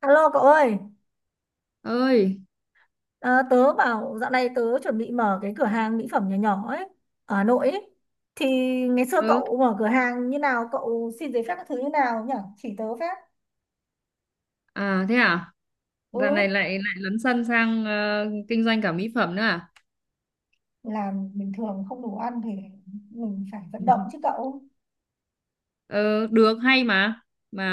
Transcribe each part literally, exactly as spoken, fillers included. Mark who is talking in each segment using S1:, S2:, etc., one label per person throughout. S1: Alo cậu ơi,
S2: Ơi.
S1: à, tớ bảo dạo này tớ chuẩn bị mở cái cửa hàng mỹ phẩm nhỏ nhỏ ấy, ở Hà Nội ấy. Thì ngày xưa
S2: ừ
S1: cậu mở cửa hàng như nào, cậu xin giấy phép các thứ như nào nhỉ? Chỉ tớ phép.
S2: À, thế à?
S1: Ừ,
S2: Dạo này lại lại lấn sân sang ờ, kinh doanh cả mỹ phẩm nữa à?
S1: làm bình thường không đủ ăn thì mình phải vận động chứ cậu.
S2: Ờ, được hay mà.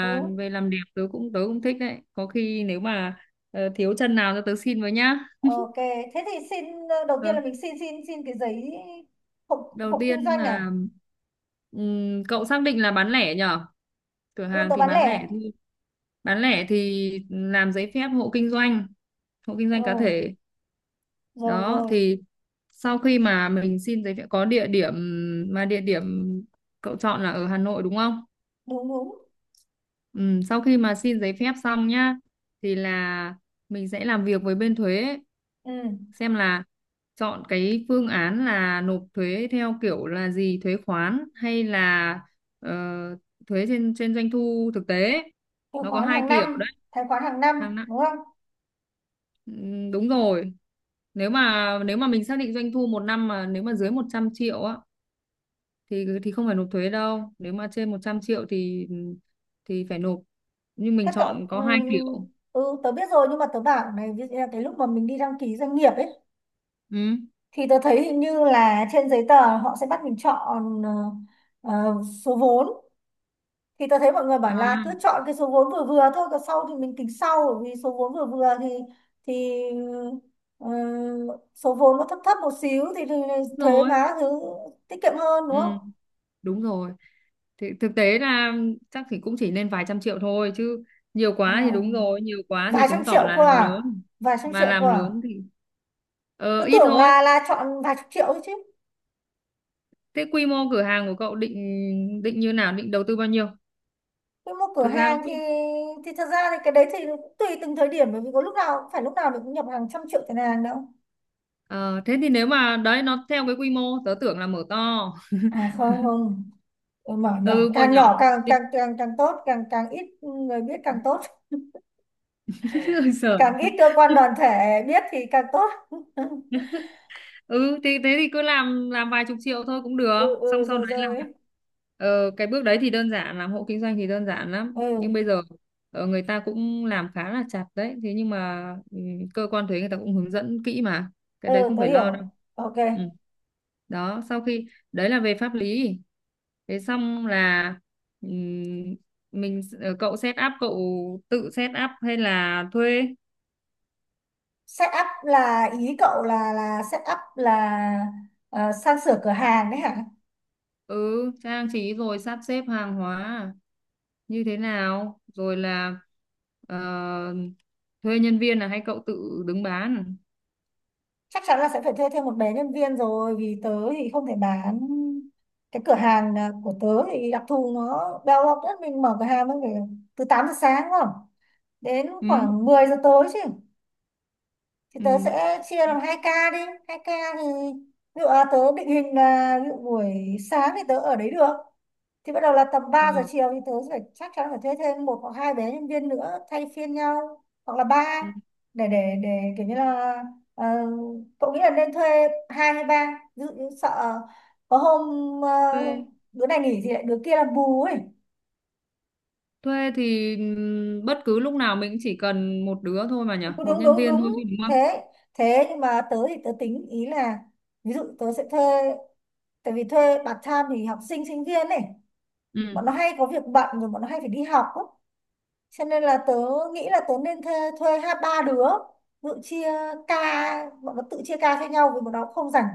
S1: Ừ,
S2: về làm đẹp tớ cũng tớ cũng thích đấy, có khi nếu mà ờ, thiếu chân nào cho tớ xin với nhá.
S1: ok. Thế thì xin, ờ, đầu
S2: Ờ,
S1: tiên là mình xin xin xin cái giấy hộ,
S2: đầu
S1: hộ
S2: tiên
S1: kinh doanh
S2: là
S1: à?
S2: ừm, cậu xác định là bán lẻ nhở, cửa
S1: Ừ,
S2: hàng
S1: tớ
S2: thì
S1: bán
S2: bán lẻ
S1: lẻ.
S2: thôi. Bán lẻ thì làm giấy phép hộ kinh doanh, hộ kinh
S1: Ừ,
S2: doanh cá thể.
S1: rồi
S2: Đó,
S1: rồi,
S2: thì sau khi mà mình xin giấy phép có địa điểm, mà địa điểm cậu chọn là ở Hà Nội đúng không?
S1: đúng đúng.
S2: Ừ, sau khi mà xin giấy phép xong nhá thì là mình sẽ làm việc với bên thuế,
S1: Ừ,
S2: xem là chọn cái phương án là nộp thuế theo kiểu là gì, thuế khoán hay là ờ, thuế trên trên doanh thu thực tế,
S1: từ
S2: nó có
S1: khoán
S2: hai
S1: hàng
S2: kiểu
S1: năm,
S2: đấy.
S1: tài khoản hàng năm,
S2: Hàng.
S1: đúng không?
S2: Ừ, đúng rồi, nếu mà nếu mà mình xác định doanh thu một năm mà nếu mà dưới một trăm triệu á thì thì không phải nộp thuế đâu, nếu mà trên một trăm triệu thì thì phải nộp, nhưng mình
S1: Thế cậu
S2: chọn có hai kiểu.
S1: ừm, ừ, tớ biết rồi nhưng mà tớ bảo này ví dụ như là cái lúc mà mình đi đăng ký doanh nghiệp ấy
S2: Ừ.
S1: thì tớ thấy hình như là trên giấy tờ họ sẽ bắt mình chọn ờ, ờ, số vốn. Thì tớ thấy mọi người bảo
S2: À,
S1: là cứ chọn cái số vốn vừa vừa thôi còn sau thì mình tính sau, bởi vì số vốn vừa vừa thì thì ờ, số vốn nó thấp thấp một xíu thì, thì
S2: đúng
S1: thuế
S2: rồi.
S1: má thứ tiết kiệm hơn
S2: Ừ,
S1: đúng không?
S2: đúng rồi, thì thực tế là chắc thì cũng chỉ lên vài trăm triệu thôi chứ, nhiều
S1: À,
S2: quá thì đúng rồi, nhiều quá thì
S1: vài trăm
S2: chứng tỏ
S1: triệu
S2: là
S1: cơ
S2: làm
S1: à?
S2: lớn,
S1: Vài trăm
S2: mà
S1: triệu cơ
S2: làm
S1: à?
S2: lớn thì ờ
S1: Tớ
S2: ít
S1: tưởng
S2: thôi.
S1: là là chọn vài chục triệu thôi chứ.
S2: Thế quy mô cửa hàng của cậu định, định như nào, định đầu tư bao nhiêu?
S1: Tôi mua cửa
S2: Thực ra nó
S1: hàng thì
S2: cứ.
S1: thì thật ra thì cái đấy thì cũng tùy từng thời điểm, bởi vì có lúc nào cũng phải lúc nào mình cũng nhập hàng trăm triệu tiền hàng đâu.
S2: Ờ, thế thì nếu mà đấy nó theo cái quy mô tớ tưởng là mở to.
S1: À không không. Ờ, mở nhỏ,
S2: Ừ, mở
S1: càng
S2: nhỏ
S1: nhỏ càng
S2: thì
S1: càng càng càng tốt, càng càng ít người biết càng tốt,
S2: sợ.
S1: càng ít cơ quan đoàn thể biết thì càng tốt.
S2: Ừ thì thế thì cứ làm làm vài chục triệu thôi cũng được,
S1: Ừ ừ
S2: xong sau
S1: rồi
S2: đấy là
S1: rồi.
S2: ờ, cái bước đấy thì đơn giản, làm hộ kinh doanh thì đơn giản lắm, nhưng
S1: Ừ
S2: bây giờ ờ, người ta cũng làm khá là chặt đấy, thế nhưng mà ừ, cơ quan thuế người ta cũng hướng dẫn kỹ mà, cái
S1: ừ
S2: đấy không
S1: tôi
S2: phải
S1: hiểu.
S2: lo đâu.
S1: Ok.
S2: Ừ. Đó, sau khi, đấy là về pháp lý. Thế xong là ừm, mình ờ, cậu set up, cậu tự set up hay là thuê,
S1: Setup là ý cậu là là setup là ờ, sang sửa cửa hàng đấy hả?
S2: ừ trang trí rồi sắp xếp hàng hóa à, như thế nào, rồi là ờ, thuê nhân viên là hay cậu tự đứng bán?
S1: Chắc chắn là sẽ phải thuê thêm một bé nhân viên rồi vì tớ thì không thể bán cái cửa hàng à, của tớ thì đặc thù nó đau học nhất mình mở cửa hàng mới phải từ tám giờ sáng không đến
S2: Ừ.
S1: khoảng mười giờ tối chứ. Thì tớ
S2: Ừ.
S1: sẽ chia làm hai ca đi, hai ca. Thì ví dụ là tớ định hình là ví dụ buổi sáng thì tớ ở đấy được, thì bắt đầu là tầm
S2: Ờ,
S1: ba giờ chiều thì tớ phải chắc chắn phải thuê thêm một hoặc hai bé nhân viên nữa thay phiên nhau hoặc là ba
S2: ừ.
S1: để để để kiểu như là ờ, cậu nghĩ là nên thuê hai hay ba, ví dụ như sợ có hôm
S2: thuê
S1: uh, đứa này nghỉ thì lại đứa kia làm bù ấy.
S2: Thuê thì ừm, bất cứ lúc nào mình chỉ cần một đứa thôi mà nhỉ,
S1: Đúng
S2: một
S1: đúng
S2: nhân
S1: đúng
S2: viên
S1: đúng.
S2: thôi chứ đúng không?
S1: Thế thế nhưng mà tớ thì tớ tính ý là ví dụ tớ sẽ thuê, tại vì thuê part time thì học sinh sinh viên này,
S2: Ừ.
S1: bọn nó hay có việc bận rồi bọn nó hay phải đi học á. Cho nên là tớ nghĩ là tớ nên thuê, thuê hai ba đứa tự chia ca, bọn nó tự chia ca cho nhau vì bọn nó cũng không rảnh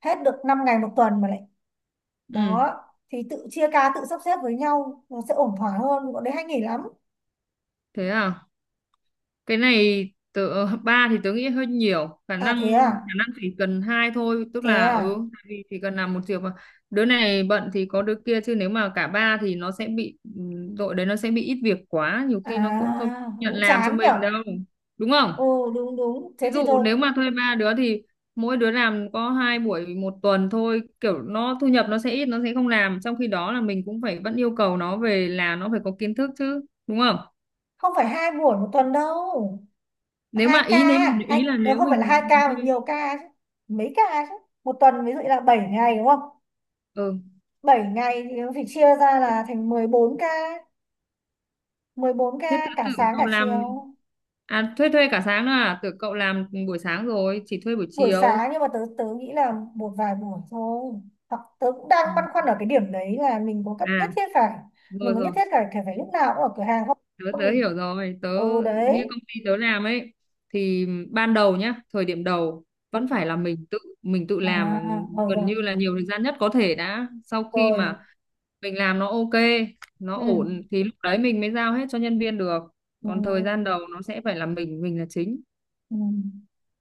S1: hết được năm ngày một tuần mà lại
S2: Ừ.
S1: đó. Thì tự chia ca tự sắp xếp với nhau nó sẽ ổn thỏa hơn, bọn đấy hay nghỉ lắm.
S2: Thế à, cái này tớ ba thì tớ nghĩ hơi nhiều, khả
S1: À
S2: năng
S1: thế à.
S2: khả năng chỉ cần hai thôi, tức
S1: Thế
S2: là
S1: à.
S2: ừ tại vì chỉ cần làm một việc mà, đứa này bận thì có đứa kia, chứ nếu mà cả ba thì nó sẽ bị ừ, đội đấy nó sẽ bị ít việc quá, nhiều khi nó cũng không
S1: À
S2: nhận
S1: cũng
S2: làm cho
S1: chán
S2: mình
S1: nhở.
S2: đâu, đúng không?
S1: Ồ đúng đúng, thế
S2: Ví
S1: thì
S2: dụ
S1: thôi.
S2: nếu mà thuê ba đứa thì mỗi đứa làm có hai buổi một tuần thôi, kiểu nó thu nhập nó sẽ ít, nó sẽ không làm, trong khi đó là mình cũng phải vẫn yêu cầu nó về là nó phải có kiến thức chứ, đúng không?
S1: Không phải hai buổi một tuần đâu,
S2: Nếu
S1: hai
S2: mà
S1: ca.
S2: ý nếu
S1: Hai
S2: Ý là
S1: ờ,
S2: nếu
S1: không phải là hai
S2: mình
S1: ca mà
S2: thuê,
S1: nhiều ca chứ, mấy ca chứ. Một tuần ví dụ như là bảy ngày đúng không,
S2: ừ
S1: bảy ngày thì nó phải chia ra
S2: thế,
S1: là thành mười bốn ca, mười bốn
S2: thế
S1: ca
S2: tớ
S1: cả
S2: tưởng
S1: sáng
S2: cậu
S1: cả
S2: làm,
S1: chiều.
S2: à thuê thuê cả sáng nữa à, tưởng cậu làm buổi sáng rồi chỉ thuê buổi
S1: Buổi
S2: chiều.
S1: sáng nhưng mà tớ tớ nghĩ là một vài buổi thôi. Hoặc tớ cũng đang
S2: Ừ.
S1: băn khoăn ở cái điểm đấy là mình có cất nhất
S2: À,
S1: thiết phải mình
S2: rồi
S1: có nhất
S2: rồi,
S1: thiết phải phải phải lúc nào cũng ở cửa hàng không?
S2: tớ
S1: Không
S2: tớ
S1: thì
S2: hiểu rồi. Tớ
S1: ừ
S2: như
S1: đấy.
S2: công ty tớ làm ấy, thì ban đầu nhá, thời điểm đầu
S1: Ừ,
S2: vẫn phải là mình tự, mình tự
S1: à,
S2: làm
S1: rồi
S2: gần
S1: rồi.
S2: như là nhiều thời gian nhất có thể đã. Sau khi
S1: Rồi.
S2: mà mình làm nó ok, nó
S1: Ừ.
S2: ổn thì lúc đấy mình mới giao hết cho nhân viên được,
S1: Ừ.
S2: còn thời gian đầu nó sẽ phải là mình mình là chính,
S1: Ừ.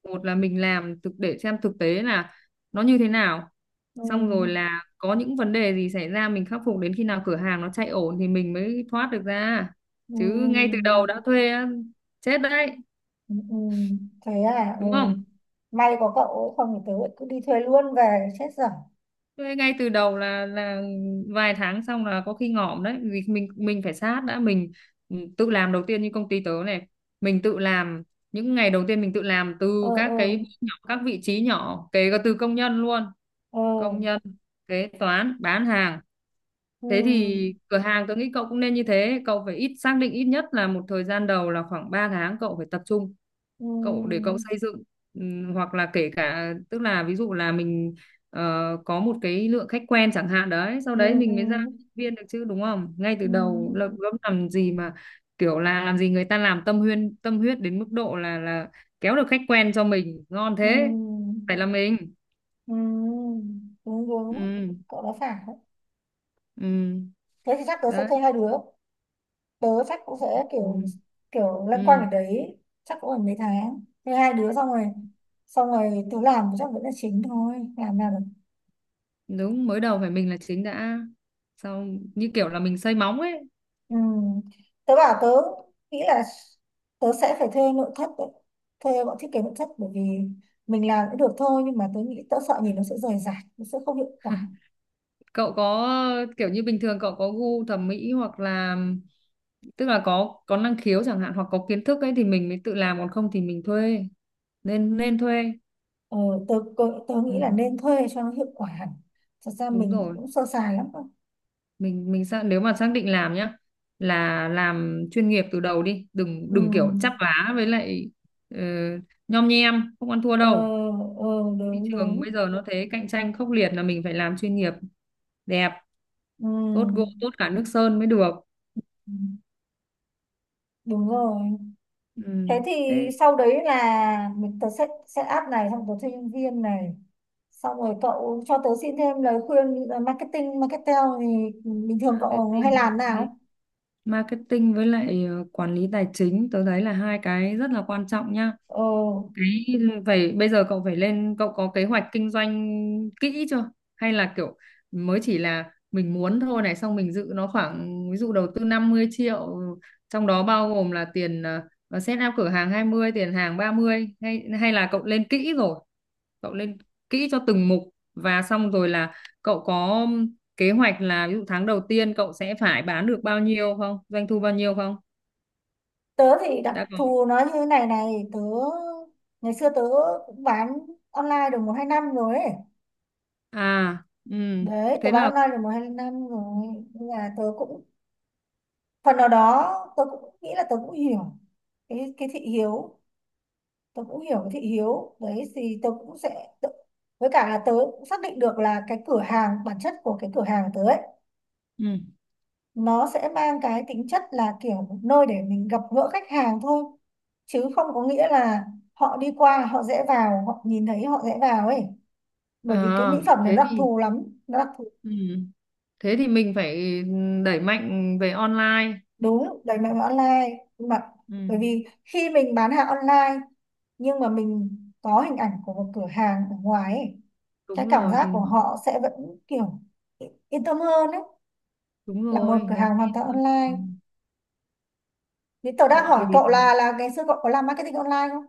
S2: một là mình làm thực để xem thực tế là nó như thế nào,
S1: Ừ.
S2: xong rồi là có những vấn đề gì xảy ra mình khắc phục, đến khi nào cửa hàng nó chạy ổn thì mình mới thoát được ra. Chứ ngay từ
S1: Ừ.
S2: đầu đã thuê á, chết đấy,
S1: Ừ. Ừ. Thế à, ừ.
S2: đúng không?
S1: May có cậu ấy, không thì tớ lại cứ đi thuê luôn về chết dở.
S2: Thuê ngay từ đầu là là vài tháng xong là có khi ngỏm đấy, vì mình mình phải sát đã, mình ừ, tự làm đầu tiên, như công ty tớ này, mình tự làm những ngày đầu tiên mình tự làm
S1: Ờ
S2: từ các
S1: ờ.
S2: cái bước nhỏ, các vị trí nhỏ, kể cả từ công nhân luôn,
S1: Ờ.
S2: công nhân, kế toán, bán hàng. Thế thì
S1: Ừ
S2: cửa hàng tôi nghĩ cậu cũng nên như thế, cậu phải ít, xác định ít nhất là một thời gian đầu là khoảng ba tháng cậu phải tập trung,
S1: ừ
S2: cậu để cậu xây dựng. Ừm, hoặc là kể cả tức là ví dụ là mình ờ, có một cái lượng khách quen chẳng hạn đấy, sau
S1: ừ
S2: đấy
S1: ừ
S2: mình mới ra viên được chứ, đúng không? Ngay từ
S1: ừ
S2: đầu là gớm, làm gì mà kiểu là làm gì người ta làm tâm huyên, tâm huyết đến mức độ là là kéo được khách quen cho mình, ngon
S1: ừ
S2: thế. Phải là mình.
S1: ừ ừ, đúng đúng,
S2: Ừ.
S1: cậu nói phải đấy.
S2: ừ.
S1: Thế thì chắc tớ sẽ
S2: Đấy.
S1: thuê hai đứa, tớ chắc cũng sẽ kiểu
S2: Ừ.
S1: kiểu loanh quanh
S2: Ừ.
S1: ở đấy, chắc cũng phải mấy tháng thuê hai đứa xong rồi, xong rồi tớ làm chắc vẫn là chính thôi làm nào.
S2: Đúng, mới đầu phải mình là chính đã, sau như kiểu là mình xây móng ấy.
S1: Ừ. Tớ bảo tớ nghĩ là tớ sẽ phải thuê nội thất đấy, thuê bọn thiết kế nội thất, bởi vì mình làm cũng được thôi nhưng mà tớ nghĩ tớ sợ
S2: Ừ.
S1: nhìn nó sẽ rời rạc, nó sẽ không hiệu quả.
S2: Cậu có kiểu như bình thường cậu có gu thẩm mỹ hoặc là tức là có có năng khiếu chẳng hạn, hoặc có kiến thức ấy, thì mình mới tự làm, còn không thì mình thuê, nên nên thuê.
S1: ờ, tớ, tớ tớ
S2: Ừ,
S1: nghĩ là nên thuê cho nó hiệu quả hẳn, thật ra
S2: đúng
S1: mình
S2: rồi,
S1: cũng sơ sài lắm cơ.
S2: mình mình xác nếu mà xác định làm nhá là làm chuyên nghiệp từ đầu đi, đừng
S1: Ừ.
S2: đừng kiểu chắp vá, với lại ờ, nhom nhem không ăn thua
S1: ờ,
S2: đâu.
S1: ờ,
S2: Thị
S1: Đúng
S2: trường
S1: đúng.
S2: bây giờ nó thế, cạnh tranh khốc liệt, là mình phải làm chuyên nghiệp, đẹp, tốt gỗ
S1: Ừ.
S2: tốt cả nước sơn mới được.
S1: Ừ, đúng rồi.
S2: Ừ.
S1: Thế thì
S2: Thế
S1: sau đấy là mình tớ set set up này, xong tớ thuê nhân viên này, xong rồi cậu cho tớ xin thêm lời khuyên. ờ, Marketing, marketing thì bình thường cậu
S2: marketing,
S1: hay làm nào?
S2: marketing với lại ờ, quản lý tài chính tôi thấy là hai cái rất là quan trọng nhá.
S1: ờ,
S2: Đấy, vậy bây giờ cậu phải lên, cậu có kế hoạch kinh doanh kỹ chưa, hay là kiểu mới chỉ là mình muốn thôi này, xong mình dự nó khoảng ví dụ đầu tư năm mươi triệu, trong đó bao gồm là tiền ờ, ờ, set up cửa hàng hai mươi, tiền hàng ba mươi, hay hay là cậu lên kỹ rồi, cậu lên kỹ cho từng mục, và xong rồi là cậu có kế hoạch là ví dụ tháng đầu tiên cậu sẽ phải bán được bao nhiêu không, doanh thu bao nhiêu không,
S1: Tớ thì đặc
S2: đã có
S1: thù nó như thế này này, tớ ngày xưa tớ cũng bán online được một hai năm rồi ấy.
S2: à? Ừ,
S1: Đấy tớ
S2: thế là
S1: bán online được một hai năm rồi, nhưng mà tớ cũng phần nào đó tớ cũng nghĩ là tớ cũng hiểu cái cái thị hiếu, tớ cũng hiểu cái thị hiếu đấy thì tớ cũng sẽ tớ, với cả là tớ cũng xác định được là cái cửa hàng, bản chất của cái cửa hàng tớ ấy
S2: ừ,
S1: nó sẽ mang cái tính chất là kiểu một nơi để mình gặp gỡ khách hàng thôi, chứ không có nghĩa là họ đi qua họ dễ vào họ nhìn thấy họ dễ vào ấy, bởi vì cái mỹ
S2: à,
S1: phẩm này
S2: thế
S1: nó đặc
S2: thì
S1: thù lắm, nó đặc thù.
S2: ừ, thế thì mình phải đẩy mạnh về online.
S1: Đúng, đẩy mạnh vào online. Nhưng mà
S2: Ừ.
S1: bởi vì khi mình bán hàng online nhưng mà mình có hình ảnh của một cửa hàng ở ngoài ấy, cái
S2: Đúng
S1: cảm
S2: rồi
S1: giác
S2: thì
S1: của
S2: nó
S1: họ sẽ vẫn kiểu yên tâm hơn đấy
S2: đúng
S1: là một
S2: rồi,
S1: cửa
S2: nó sẽ
S1: hàng hoàn
S2: yên
S1: toàn
S2: tâm. Ừ.
S1: online. Thế tớ đang
S2: Vậy
S1: hỏi
S2: thì
S1: cậu là là ngày xưa cậu có làm marketing online không?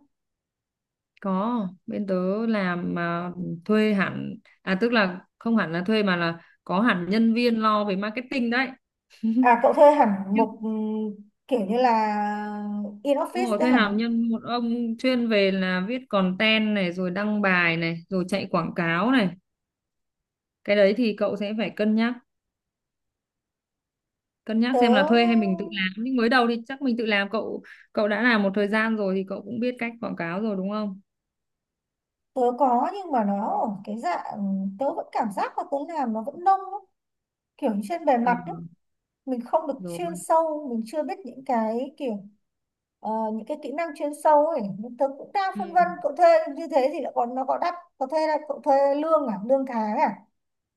S2: có, bên tớ làm mà, thuê hẳn, à tức là không hẳn là thuê mà là có hẳn nhân viên lo về marketing đấy.
S1: À cậu thuê hẳn
S2: Nhưng.
S1: một ừm, kiểu như là in
S2: Đúng
S1: office
S2: rồi,
S1: đấy
S2: thuê
S1: hả?
S2: hẳn nhân một ông chuyên về là viết content này, rồi đăng bài này, rồi chạy quảng cáo này. Cái đấy thì cậu sẽ phải cân nhắc, cân nhắc
S1: tớ
S2: xem là thuê hay mình tự làm, nhưng mới đầu thì chắc mình tự làm. Cậu Cậu đã làm một thời gian rồi thì cậu cũng biết cách quảng cáo rồi đúng không?
S1: tớ có nhưng mà nó ở cái dạng tớ vẫn cảm giác là tớ làm nó vẫn nông lắm, kiểu như trên bề
S2: Ờ,
S1: mặt đấy, mình không được chuyên
S2: rồi.
S1: sâu, mình chưa biết những cái kiểu ờ, những cái kỹ năng chuyên sâu ấy. Nhưng tớ cũng đang
S2: Ừ.
S1: phân vân cậu thuê như thế thì lại còn nó có đắt, có thuê là cậu thuê lương à, lương tháng à,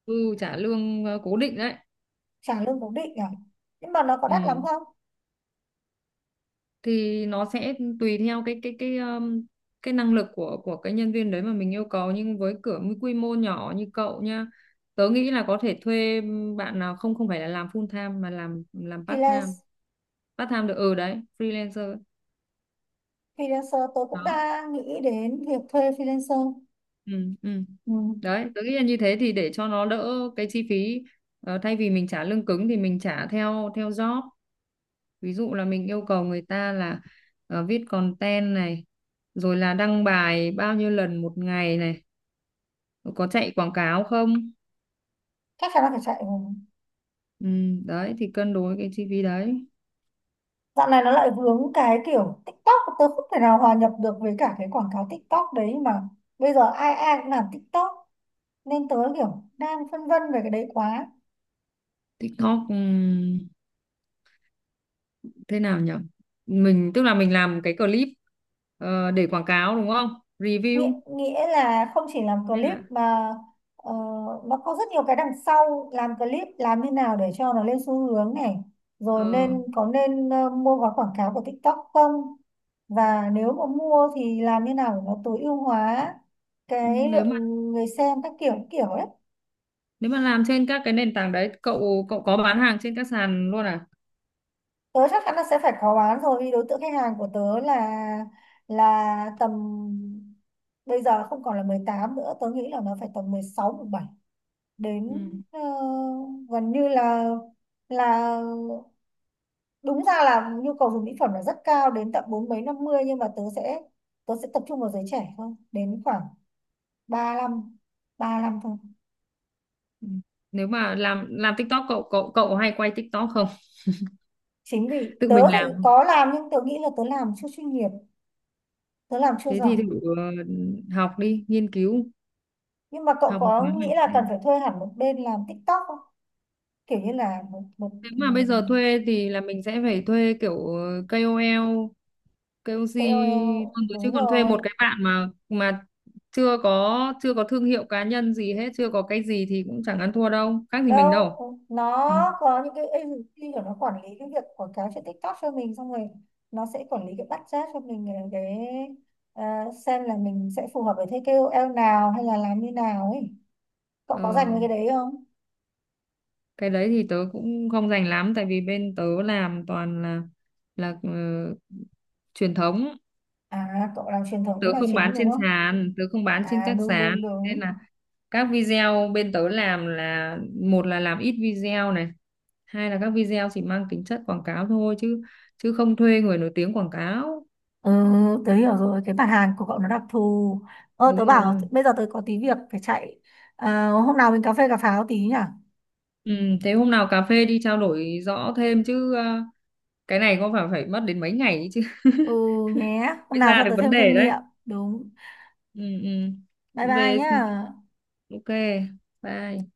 S2: Ừ trả lương ờ, cố định đấy.
S1: trả lương cố định à, nhưng mà nó có đắt lắm
S2: Ừ,
S1: không?
S2: thì nó sẽ tùy theo cái cái cái um, cái năng lực của của cái nhân viên đấy mà mình yêu cầu, nhưng với cửa, với quy mô nhỏ như cậu nha, tớ nghĩ là có thể thuê bạn nào không, không phải là làm full time mà làm làm part time,
S1: Freelance.
S2: part time được, ừ đấy, freelancer.
S1: Freelancer, tớ cũng
S2: Đó.
S1: đang nghĩ đến việc thuê freelancer.
S2: Ừ. Ừ.
S1: Ừ.
S2: Đấy, tôi nghĩ là như thế thì để cho nó đỡ cái chi phí. Ờ, thay vì mình trả lương cứng thì mình trả theo theo job, ví dụ là mình yêu cầu người ta là ờ, viết content này, rồi là đăng bài bao nhiêu lần một ngày này, rồi có chạy quảng cáo không.
S1: Chắc chắn là phải chạy rồi.
S2: Ừ, đấy thì cân đối cái chi phí đấy.
S1: Dạo này nó lại vướng cái kiểu TikTok, tớ không thể nào hòa nhập được với cả cái quảng cáo TikTok đấy mà bây giờ ai ai cũng làm TikTok, nên tớ kiểu đang phân vân về cái đấy quá.
S2: TikTok ừm, thế nào nhỉ, mình tức là mình làm cái clip ờ, để quảng cáo đúng không,
S1: nghĩa
S2: review
S1: nghĩa là không chỉ làm
S2: nên
S1: clip
S2: là
S1: mà ờ, nó có rất nhiều cái đằng sau, làm clip làm thế nào để cho nó lên xu hướng này, rồi
S2: ờ,
S1: nên có nên ờ, mua gói quảng cáo của TikTok không, và nếu mà mua thì làm như nào để nó tối ưu hóa
S2: ừ,
S1: cái
S2: nếu
S1: lượng
S2: mà
S1: người xem các kiểu kiểu ấy.
S2: nếu mà làm trên các cái nền tảng đấy, cậu cậu có bán hàng trên các sàn luôn à?
S1: Tớ chắc chắn là sẽ phải khó bán rồi, vì đối tượng khách hàng của tớ là là tầm bây giờ không còn là mười tám nữa, tớ nghĩ là nó phải tầm mười sáu mười bảy đến
S2: Ừ.
S1: ờ, gần như là là đúng ra là nhu cầu dùng mỹ phẩm là rất cao đến tận bốn mấy năm mươi, nhưng mà tớ sẽ tớ sẽ tập trung vào giới trẻ thôi, đến khoảng 35 lăm thôi.
S2: Ừ. Nếu mà làm làm TikTok cậu cậu cậu hay quay TikTok không?
S1: Chính vì
S2: Tự
S1: tớ
S2: mình
S1: thì
S2: làm.
S1: có làm nhưng tớ nghĩ là tớ làm chưa chuyên nghiệp, tớ làm chưa
S2: Thế
S1: giỏi.
S2: thì thử ờ, học đi, nghiên cứu,
S1: Nhưng mà cậu
S2: học một khóa
S1: có nghĩ
S2: học
S1: là cần
S2: xem.
S1: phải thuê hẳn một bên làm TikTok không, kiểu như là một một
S2: Nếu mà bây giờ
S1: ừm,
S2: thuê thì là mình sẽ phải thuê kiểu ờ, kay âu eo, ca o xê
S1: ca âu eo.
S2: luôn rồi, chứ
S1: Đúng
S2: còn thuê
S1: rồi.
S2: một cái bạn mà mà chưa có chưa có thương hiệu cá nhân gì hết, chưa có cái gì thì cũng chẳng ăn thua đâu, khác gì
S1: Đâu,
S2: mình đâu.
S1: nó
S2: Ừ.
S1: có những cái agency của nó quản lý cái việc quảng cáo trên TikTok cho mình, xong rồi nó sẽ quản lý cái budget cho mình ờ, cái ờ, xem là mình sẽ phù hợp với thế ca âu eo nào hay là làm như nào ấy, cậu có dành
S2: Ờ,
S1: với cái đấy không?
S2: cái đấy thì tớ cũng không rành lắm, tại vì bên tớ làm toàn là là ờ, truyền thống,
S1: À cậu làm truyền thống
S2: tớ
S1: là
S2: không bán
S1: chính đúng
S2: trên
S1: không?
S2: sàn, tớ không bán trên
S1: À
S2: các
S1: đúng
S2: sàn,
S1: đúng
S2: nên
S1: đúng.
S2: là các video bên tớ làm là một là làm ít video này, hai là các video chỉ mang tính chất quảng cáo thôi, chứ chứ không thuê người nổi tiếng quảng cáo.
S1: Ừ, tớ hiểu rồi, cái bản hàng của cậu nó đặc thù. Ơ,
S2: Đúng
S1: tớ bảo
S2: rồi.
S1: bây giờ tớ có tí việc phải chạy. Ờ, hôm nào mình cà phê cà pháo tí nhỉ?
S2: Ừ, thế hôm nào cà phê đi, trao đổi rõ thêm chứ, ờ, cái này có phải phải mất đến mấy ngày ấy chứ
S1: Ừ nhé, hôm
S2: mới
S1: nào
S2: ra
S1: cho
S2: được
S1: tớ
S2: vấn
S1: thêm kinh
S2: đề đấy.
S1: nghiệm. Đúng.
S2: Ừ,
S1: Bye
S2: ừ.
S1: bye
S2: Về.
S1: nhá.
S2: Ok. Bye.